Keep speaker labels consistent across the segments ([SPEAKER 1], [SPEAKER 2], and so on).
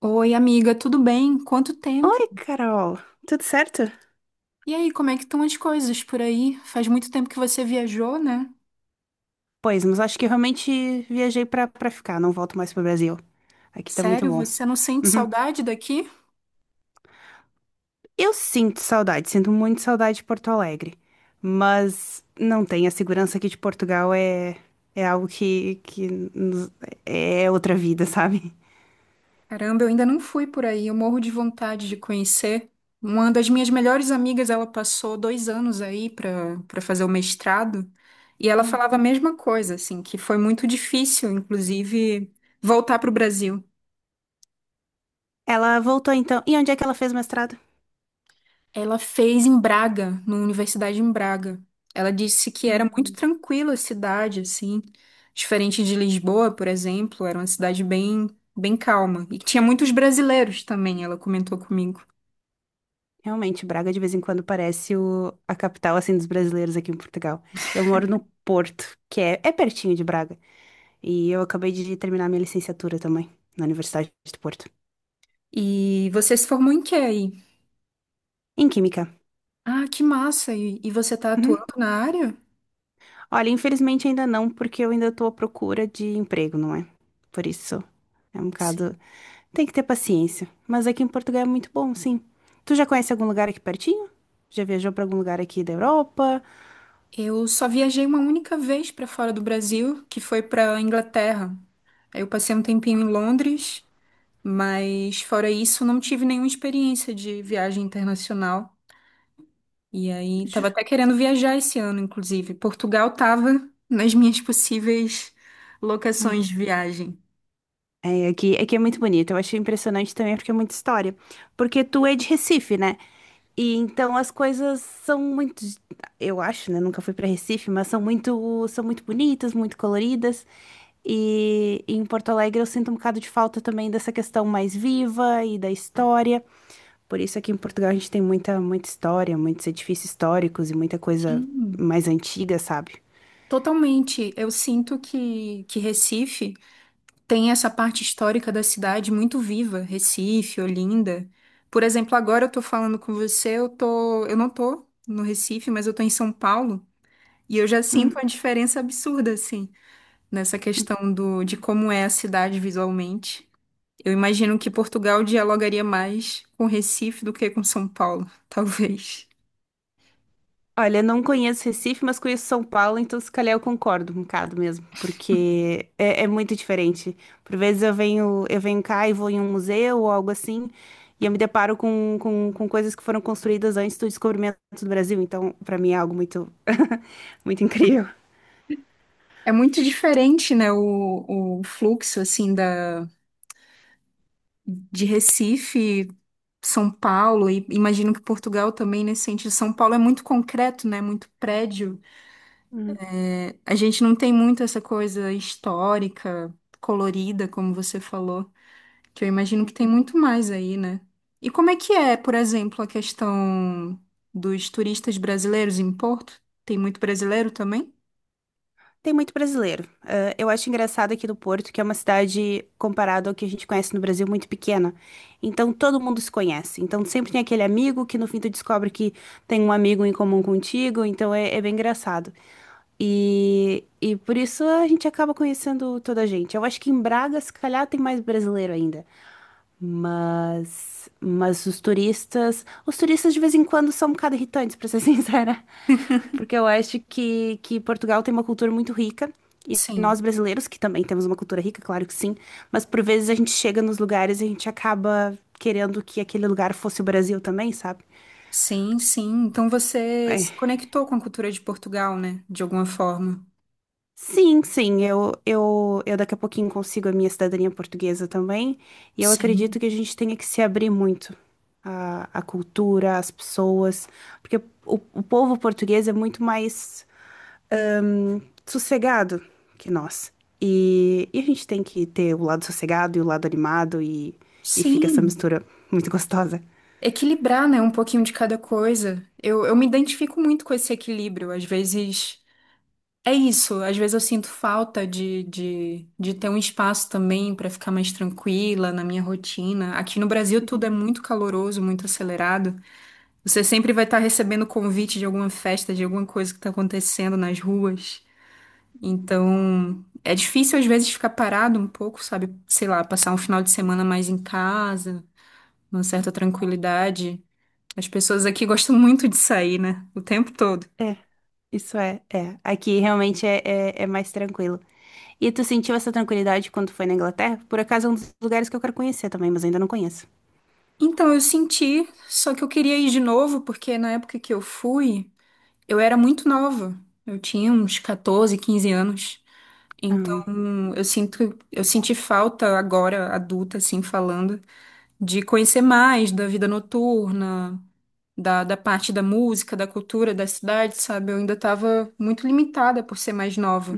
[SPEAKER 1] Oi, amiga, tudo bem? Quanto tempo?
[SPEAKER 2] Oi, Carol. Tudo certo?
[SPEAKER 1] E aí, como é que estão as coisas por aí? Faz muito tempo que você viajou, né?
[SPEAKER 2] Pois, mas acho que eu realmente viajei pra ficar, não volto mais pro Brasil. Aqui tá muito
[SPEAKER 1] Sério,
[SPEAKER 2] bom.
[SPEAKER 1] você não sente
[SPEAKER 2] Uhum.
[SPEAKER 1] saudade daqui?
[SPEAKER 2] Eu sinto saudade, sinto muito saudade de Porto Alegre, mas não tem. A segurança aqui de Portugal é algo que nos- é outra vida, sabe?
[SPEAKER 1] Caramba, eu ainda não fui por aí, eu morro de vontade de conhecer. Uma das minhas melhores amigas, ela passou 2 anos aí para fazer o mestrado, e ela
[SPEAKER 2] Hum.
[SPEAKER 1] falava a mesma coisa, assim, que foi muito difícil, inclusive, voltar para o Brasil.
[SPEAKER 2] Ela voltou então. E onde é que ela fez o mestrado?
[SPEAKER 1] Ela fez em Braga, numa universidade em Braga. Ela disse que era muito
[SPEAKER 2] Hum,
[SPEAKER 1] tranquila a cidade, assim, diferente de Lisboa, por exemplo, era uma cidade bem, bem calma. E que tinha muitos brasileiros também, ela comentou comigo.
[SPEAKER 2] Realmente, Braga de vez em quando parece a capital assim dos brasileiros aqui em Portugal. Eu moro no Porto, é pertinho de Braga. E eu acabei de terminar minha licenciatura também, na Universidade de Porto,
[SPEAKER 1] E você se formou em quê aí?
[SPEAKER 2] em Química.
[SPEAKER 1] Ah, que massa! E você tá
[SPEAKER 2] Uhum.
[SPEAKER 1] atuando na área?
[SPEAKER 2] Olha, infelizmente ainda não, porque eu ainda estou à procura de emprego, não é? Por isso é um bocado.
[SPEAKER 1] Sim.
[SPEAKER 2] Tem que ter paciência. Mas aqui em Portugal é muito bom, sim. Tu já conhece algum lugar aqui pertinho? Já viajou para algum lugar aqui da Europa?
[SPEAKER 1] Eu só viajei uma única vez para fora do Brasil, que foi para Inglaterra. Aí eu passei um tempinho em Londres. Mas fora isso, não tive nenhuma experiência de viagem internacional. E aí, tava até querendo viajar esse ano, inclusive. Portugal tava nas minhas possíveis locações de viagem.
[SPEAKER 2] Aqui é muito bonito. Eu achei impressionante também porque é muita história. Porque tu é de Recife, né? E então as coisas são muito, eu acho, né? Nunca fui para Recife, mas são muito bonitas, muito coloridas. E em Porto Alegre eu sinto um bocado de falta também dessa questão mais viva e da história. Por isso aqui em Portugal a gente tem muita, muita história, muitos edifícios históricos e muita coisa
[SPEAKER 1] Sim,
[SPEAKER 2] mais antiga, sabe?
[SPEAKER 1] totalmente. Eu sinto que Recife tem essa parte histórica da cidade muito viva. Recife, Olinda. Por exemplo, agora eu tô falando com você, eu tô, eu não tô no Recife, mas eu tô em São Paulo. E eu já sinto uma
[SPEAKER 2] Hum.
[SPEAKER 1] diferença absurda, assim, nessa questão do, de como é a cidade visualmente. Eu imagino que Portugal dialogaria mais com Recife do que com São Paulo, talvez.
[SPEAKER 2] Olha, não conheço Recife, mas conheço São Paulo, então se calhar eu concordo um bocado mesmo, porque é muito diferente. Por vezes eu venho cá e vou em um museu ou algo assim, e eu me deparo com coisas que foram construídas antes do descobrimento do Brasil, então para mim é algo muito, muito incrível.
[SPEAKER 1] É muito diferente, né, o fluxo, assim, da, de Recife, São Paulo, e imagino que Portugal também nesse sentido. São Paulo é muito concreto, né, muito prédio. A gente não tem muito essa coisa histórica, colorida, como você falou. Que eu imagino que tem
[SPEAKER 2] Hum.
[SPEAKER 1] muito mais aí, né? E como é que é, por exemplo, a questão dos turistas brasileiros em Porto? Tem muito brasileiro também?
[SPEAKER 2] Tem muito brasileiro. Ah, eu acho engraçado aqui do Porto, que é uma cidade, comparado ao que a gente conhece no Brasil, muito pequena. Então todo mundo se conhece. Então sempre tem aquele amigo que no fim tu descobre que tem um amigo em comum contigo. Então é bem engraçado. E por isso a gente acaba conhecendo toda a gente. Eu acho que em Braga, se calhar, tem mais brasileiro ainda. Mas os turistas de vez em quando são um bocado irritantes, para ser sincera, porque eu acho que Portugal tem uma cultura muito rica e
[SPEAKER 1] Sim,
[SPEAKER 2] nós brasileiros, que também temos uma cultura rica, claro que sim, mas por vezes a gente chega nos lugares e a gente acaba querendo que aquele lugar fosse o Brasil também, sabe?
[SPEAKER 1] sim, sim. Então você
[SPEAKER 2] É,
[SPEAKER 1] se conectou com a cultura de Portugal, né? De alguma forma.
[SPEAKER 2] sim, sim, eu daqui a pouquinho consigo a minha cidadania portuguesa também, e eu acredito
[SPEAKER 1] Sim,
[SPEAKER 2] que a gente tenha que se abrir muito à cultura, às pessoas, porque o povo português é muito mais ahn, sossegado que nós, e a gente tem que ter o lado sossegado e o lado animado, e fica essa
[SPEAKER 1] sim.
[SPEAKER 2] mistura muito gostosa.
[SPEAKER 1] Equilibrar, né? Um pouquinho de cada coisa. Eu me identifico muito com esse equilíbrio. Às vezes. É isso, às vezes eu sinto falta de ter um espaço também para ficar mais tranquila na minha rotina. Aqui no Brasil tudo é muito caloroso, muito acelerado. Você sempre vai estar recebendo convite de alguma festa, de alguma coisa que está acontecendo nas ruas. Então, é difícil às vezes ficar parado um pouco, sabe? Sei lá, passar um final de semana mais em casa, numa certa tranquilidade. As pessoas aqui gostam muito de sair, né? O tempo todo.
[SPEAKER 2] É, isso é. Aqui realmente é mais tranquilo. E tu sentiu essa tranquilidade quando foi na Inglaterra? Por acaso é um dos lugares que eu quero conhecer também, mas ainda não conheço.
[SPEAKER 1] Então, eu senti, só que eu queria ir de novo, porque na época que eu fui, eu era muito nova. Eu tinha uns 14, 15 anos. Então,
[SPEAKER 2] Ah,
[SPEAKER 1] eu sinto, eu senti falta agora, adulta, assim, falando, de conhecer mais da vida noturna, da parte da música, da cultura da cidade, sabe? Eu ainda estava muito limitada por ser mais nova.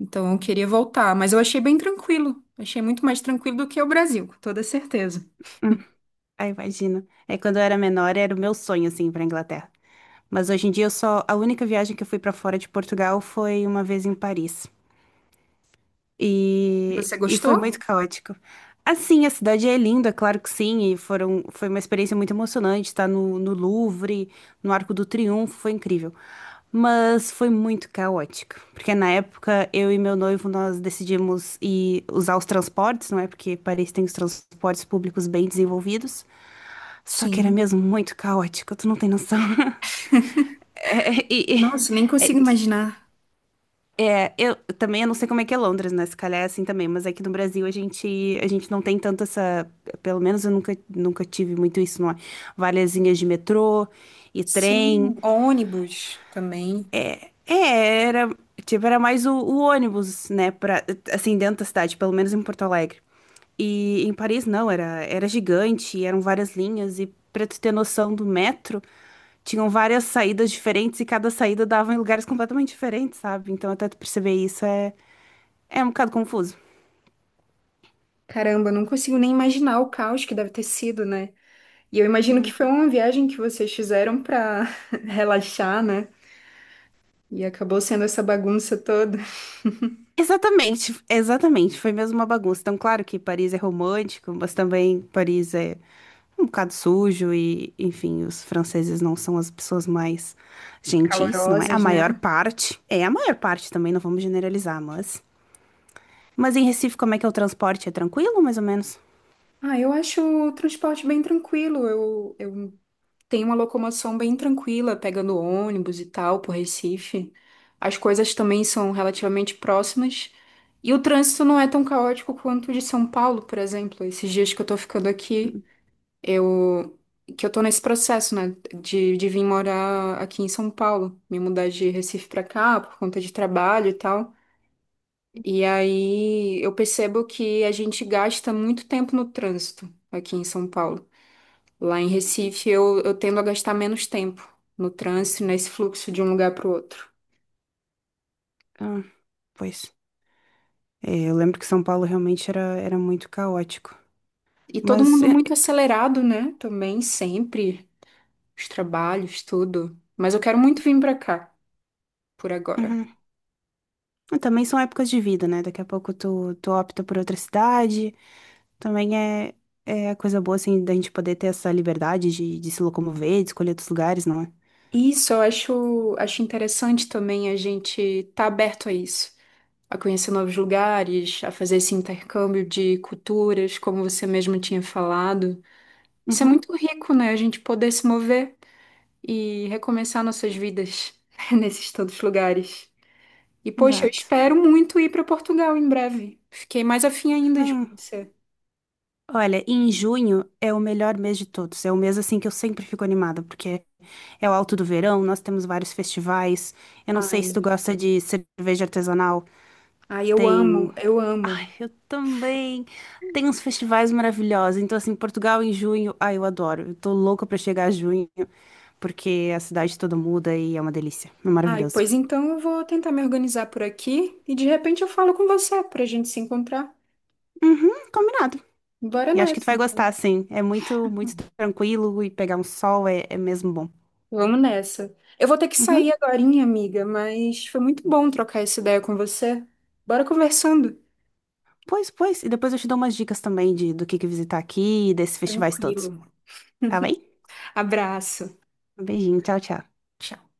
[SPEAKER 1] Então, eu queria voltar, mas eu achei bem tranquilo. Achei muito mais tranquilo do que o Brasil, com toda certeza.
[SPEAKER 2] hum. Ah, imagino. É quando eu era menor, era o meu sonho, assim, ir pra Inglaterra. Mas hoje em dia eu só. A única viagem que eu fui pra fora de Portugal foi uma vez em Paris. E,
[SPEAKER 1] Você
[SPEAKER 2] e foi
[SPEAKER 1] gostou?
[SPEAKER 2] muito caótico. Assim, a cidade é linda, claro que sim, e foram, foi uma experiência muito emocionante estar no, no Louvre, no Arco do Triunfo, foi incrível. Mas foi muito caótico, porque na época eu e meu noivo nós decidimos ir usar os transportes, não é? Porque Paris tem os transportes públicos bem desenvolvidos. Só que era
[SPEAKER 1] Sim.
[SPEAKER 2] mesmo muito caótico, tu não tem noção. É, e- e-
[SPEAKER 1] Nossa, nem
[SPEAKER 2] é,
[SPEAKER 1] consigo imaginar.
[SPEAKER 2] é, eu também, eu não sei como é que é Londres, né? Se calhar é assim também, mas aqui no Brasil a gente não tem tanto essa, pelo menos eu nunca, nunca tive muito isso, não é? Valezinhas de metrô e
[SPEAKER 1] Sim,
[SPEAKER 2] trem.
[SPEAKER 1] ônibus também.
[SPEAKER 2] É, era, tipo, era mais o ônibus, né, pra, assim, dentro da cidade, pelo menos em Porto Alegre. E em Paris não, era gigante, eram várias linhas e pra tu ter noção do metro, tinham várias saídas diferentes e cada saída dava em lugares completamente diferentes, sabe? Então até tu perceber isso é um bocado confuso.
[SPEAKER 1] Caramba, não consigo nem imaginar o caos que deve ter sido, né? E eu imagino que foi uma viagem que vocês fizeram para relaxar, né? E acabou sendo essa bagunça toda.
[SPEAKER 2] Exatamente, exatamente. Foi mesmo uma bagunça. Então, claro que Paris é romântico, mas também Paris é um bocado sujo e, enfim, os franceses não são as pessoas mais gentis, não é? A
[SPEAKER 1] Calorosas,
[SPEAKER 2] maior
[SPEAKER 1] né?
[SPEAKER 2] parte. É, a maior parte também, não vamos generalizar, mas. Mas em Recife, como é que é o transporte? É tranquilo, mais ou menos?
[SPEAKER 1] Ah, eu acho o transporte bem tranquilo. Eu, tem uma locomoção bem tranquila, pegando ônibus e tal, por Recife. As coisas também são relativamente próximas. E o trânsito não é tão caótico quanto o de São Paulo, por exemplo. Esses dias que eu tô ficando aqui, eu, que eu tô nesse processo, né? De vir morar aqui em São Paulo, me mudar de Recife pra cá por conta de trabalho e tal. E aí eu percebo que a gente gasta muito tempo no trânsito aqui em São Paulo. Lá em Recife, eu tendo a gastar menos tempo no trânsito, nesse fluxo de um lugar para o outro.
[SPEAKER 2] Ah, pois. É, eu lembro que São Paulo realmente era muito caótico.
[SPEAKER 1] E todo
[SPEAKER 2] Mas.
[SPEAKER 1] mundo
[SPEAKER 2] é, é,
[SPEAKER 1] muito acelerado, né? Também, sempre. Os trabalhos, tudo. Mas eu quero muito vir para cá, por agora.
[SPEAKER 2] uhum. Também são épocas de vida, né? Daqui a pouco tu opta por outra cidade. Também é a coisa boa, assim, da gente poder ter essa liberdade de se locomover, de escolher outros lugares, não é?
[SPEAKER 1] E isso, eu acho, acho interessante também a gente estar tá aberto a isso. A conhecer novos lugares, a fazer esse intercâmbio de culturas, como você mesmo tinha falado. Isso é
[SPEAKER 2] Uhum,
[SPEAKER 1] muito rico, né? A gente poder se mover e recomeçar nossas vidas nesses tantos lugares. E, poxa, eu
[SPEAKER 2] exato.
[SPEAKER 1] espero muito ir para Portugal em breve. Fiquei mais afim ainda de
[SPEAKER 2] Bem,
[SPEAKER 1] conhecer.
[SPEAKER 2] olha, em junho é o melhor mês de todos. É o mês, assim, que eu sempre fico animada, porque é o alto do verão, nós temos vários festivais. Eu não sei se
[SPEAKER 1] Ai,
[SPEAKER 2] tu gosta de cerveja artesanal,
[SPEAKER 1] ai, eu
[SPEAKER 2] tem.
[SPEAKER 1] amo, eu
[SPEAKER 2] Ai,
[SPEAKER 1] amo.
[SPEAKER 2] eu também. Tem uns festivais maravilhosos. Então, assim, Portugal em junho, ai, eu adoro. Eu tô louca pra chegar a junho, porque a cidade toda muda e é uma delícia. É
[SPEAKER 1] Ai,
[SPEAKER 2] maravilhoso.
[SPEAKER 1] pois então eu vou tentar me organizar por aqui e de repente eu falo com você para a gente se encontrar.
[SPEAKER 2] Uhum, combinado.
[SPEAKER 1] Bora
[SPEAKER 2] E acho que tu
[SPEAKER 1] nessa,
[SPEAKER 2] vai
[SPEAKER 1] então.
[SPEAKER 2] gostar, sim. É muito, muito tranquilo e pegar um sol é mesmo bom.
[SPEAKER 1] Vamos nessa. Eu vou ter que
[SPEAKER 2] Uhum.
[SPEAKER 1] sair agorinha, amiga, mas foi muito bom trocar essa ideia com você. Bora conversando.
[SPEAKER 2] Pois, pois. E depois eu te dou umas dicas também de, do que visitar aqui e desses festivais todos.
[SPEAKER 1] Tranquilo.
[SPEAKER 2] Tá bem?
[SPEAKER 1] Abraço.
[SPEAKER 2] Um beijinho, tchau, tchau.
[SPEAKER 1] Tchau.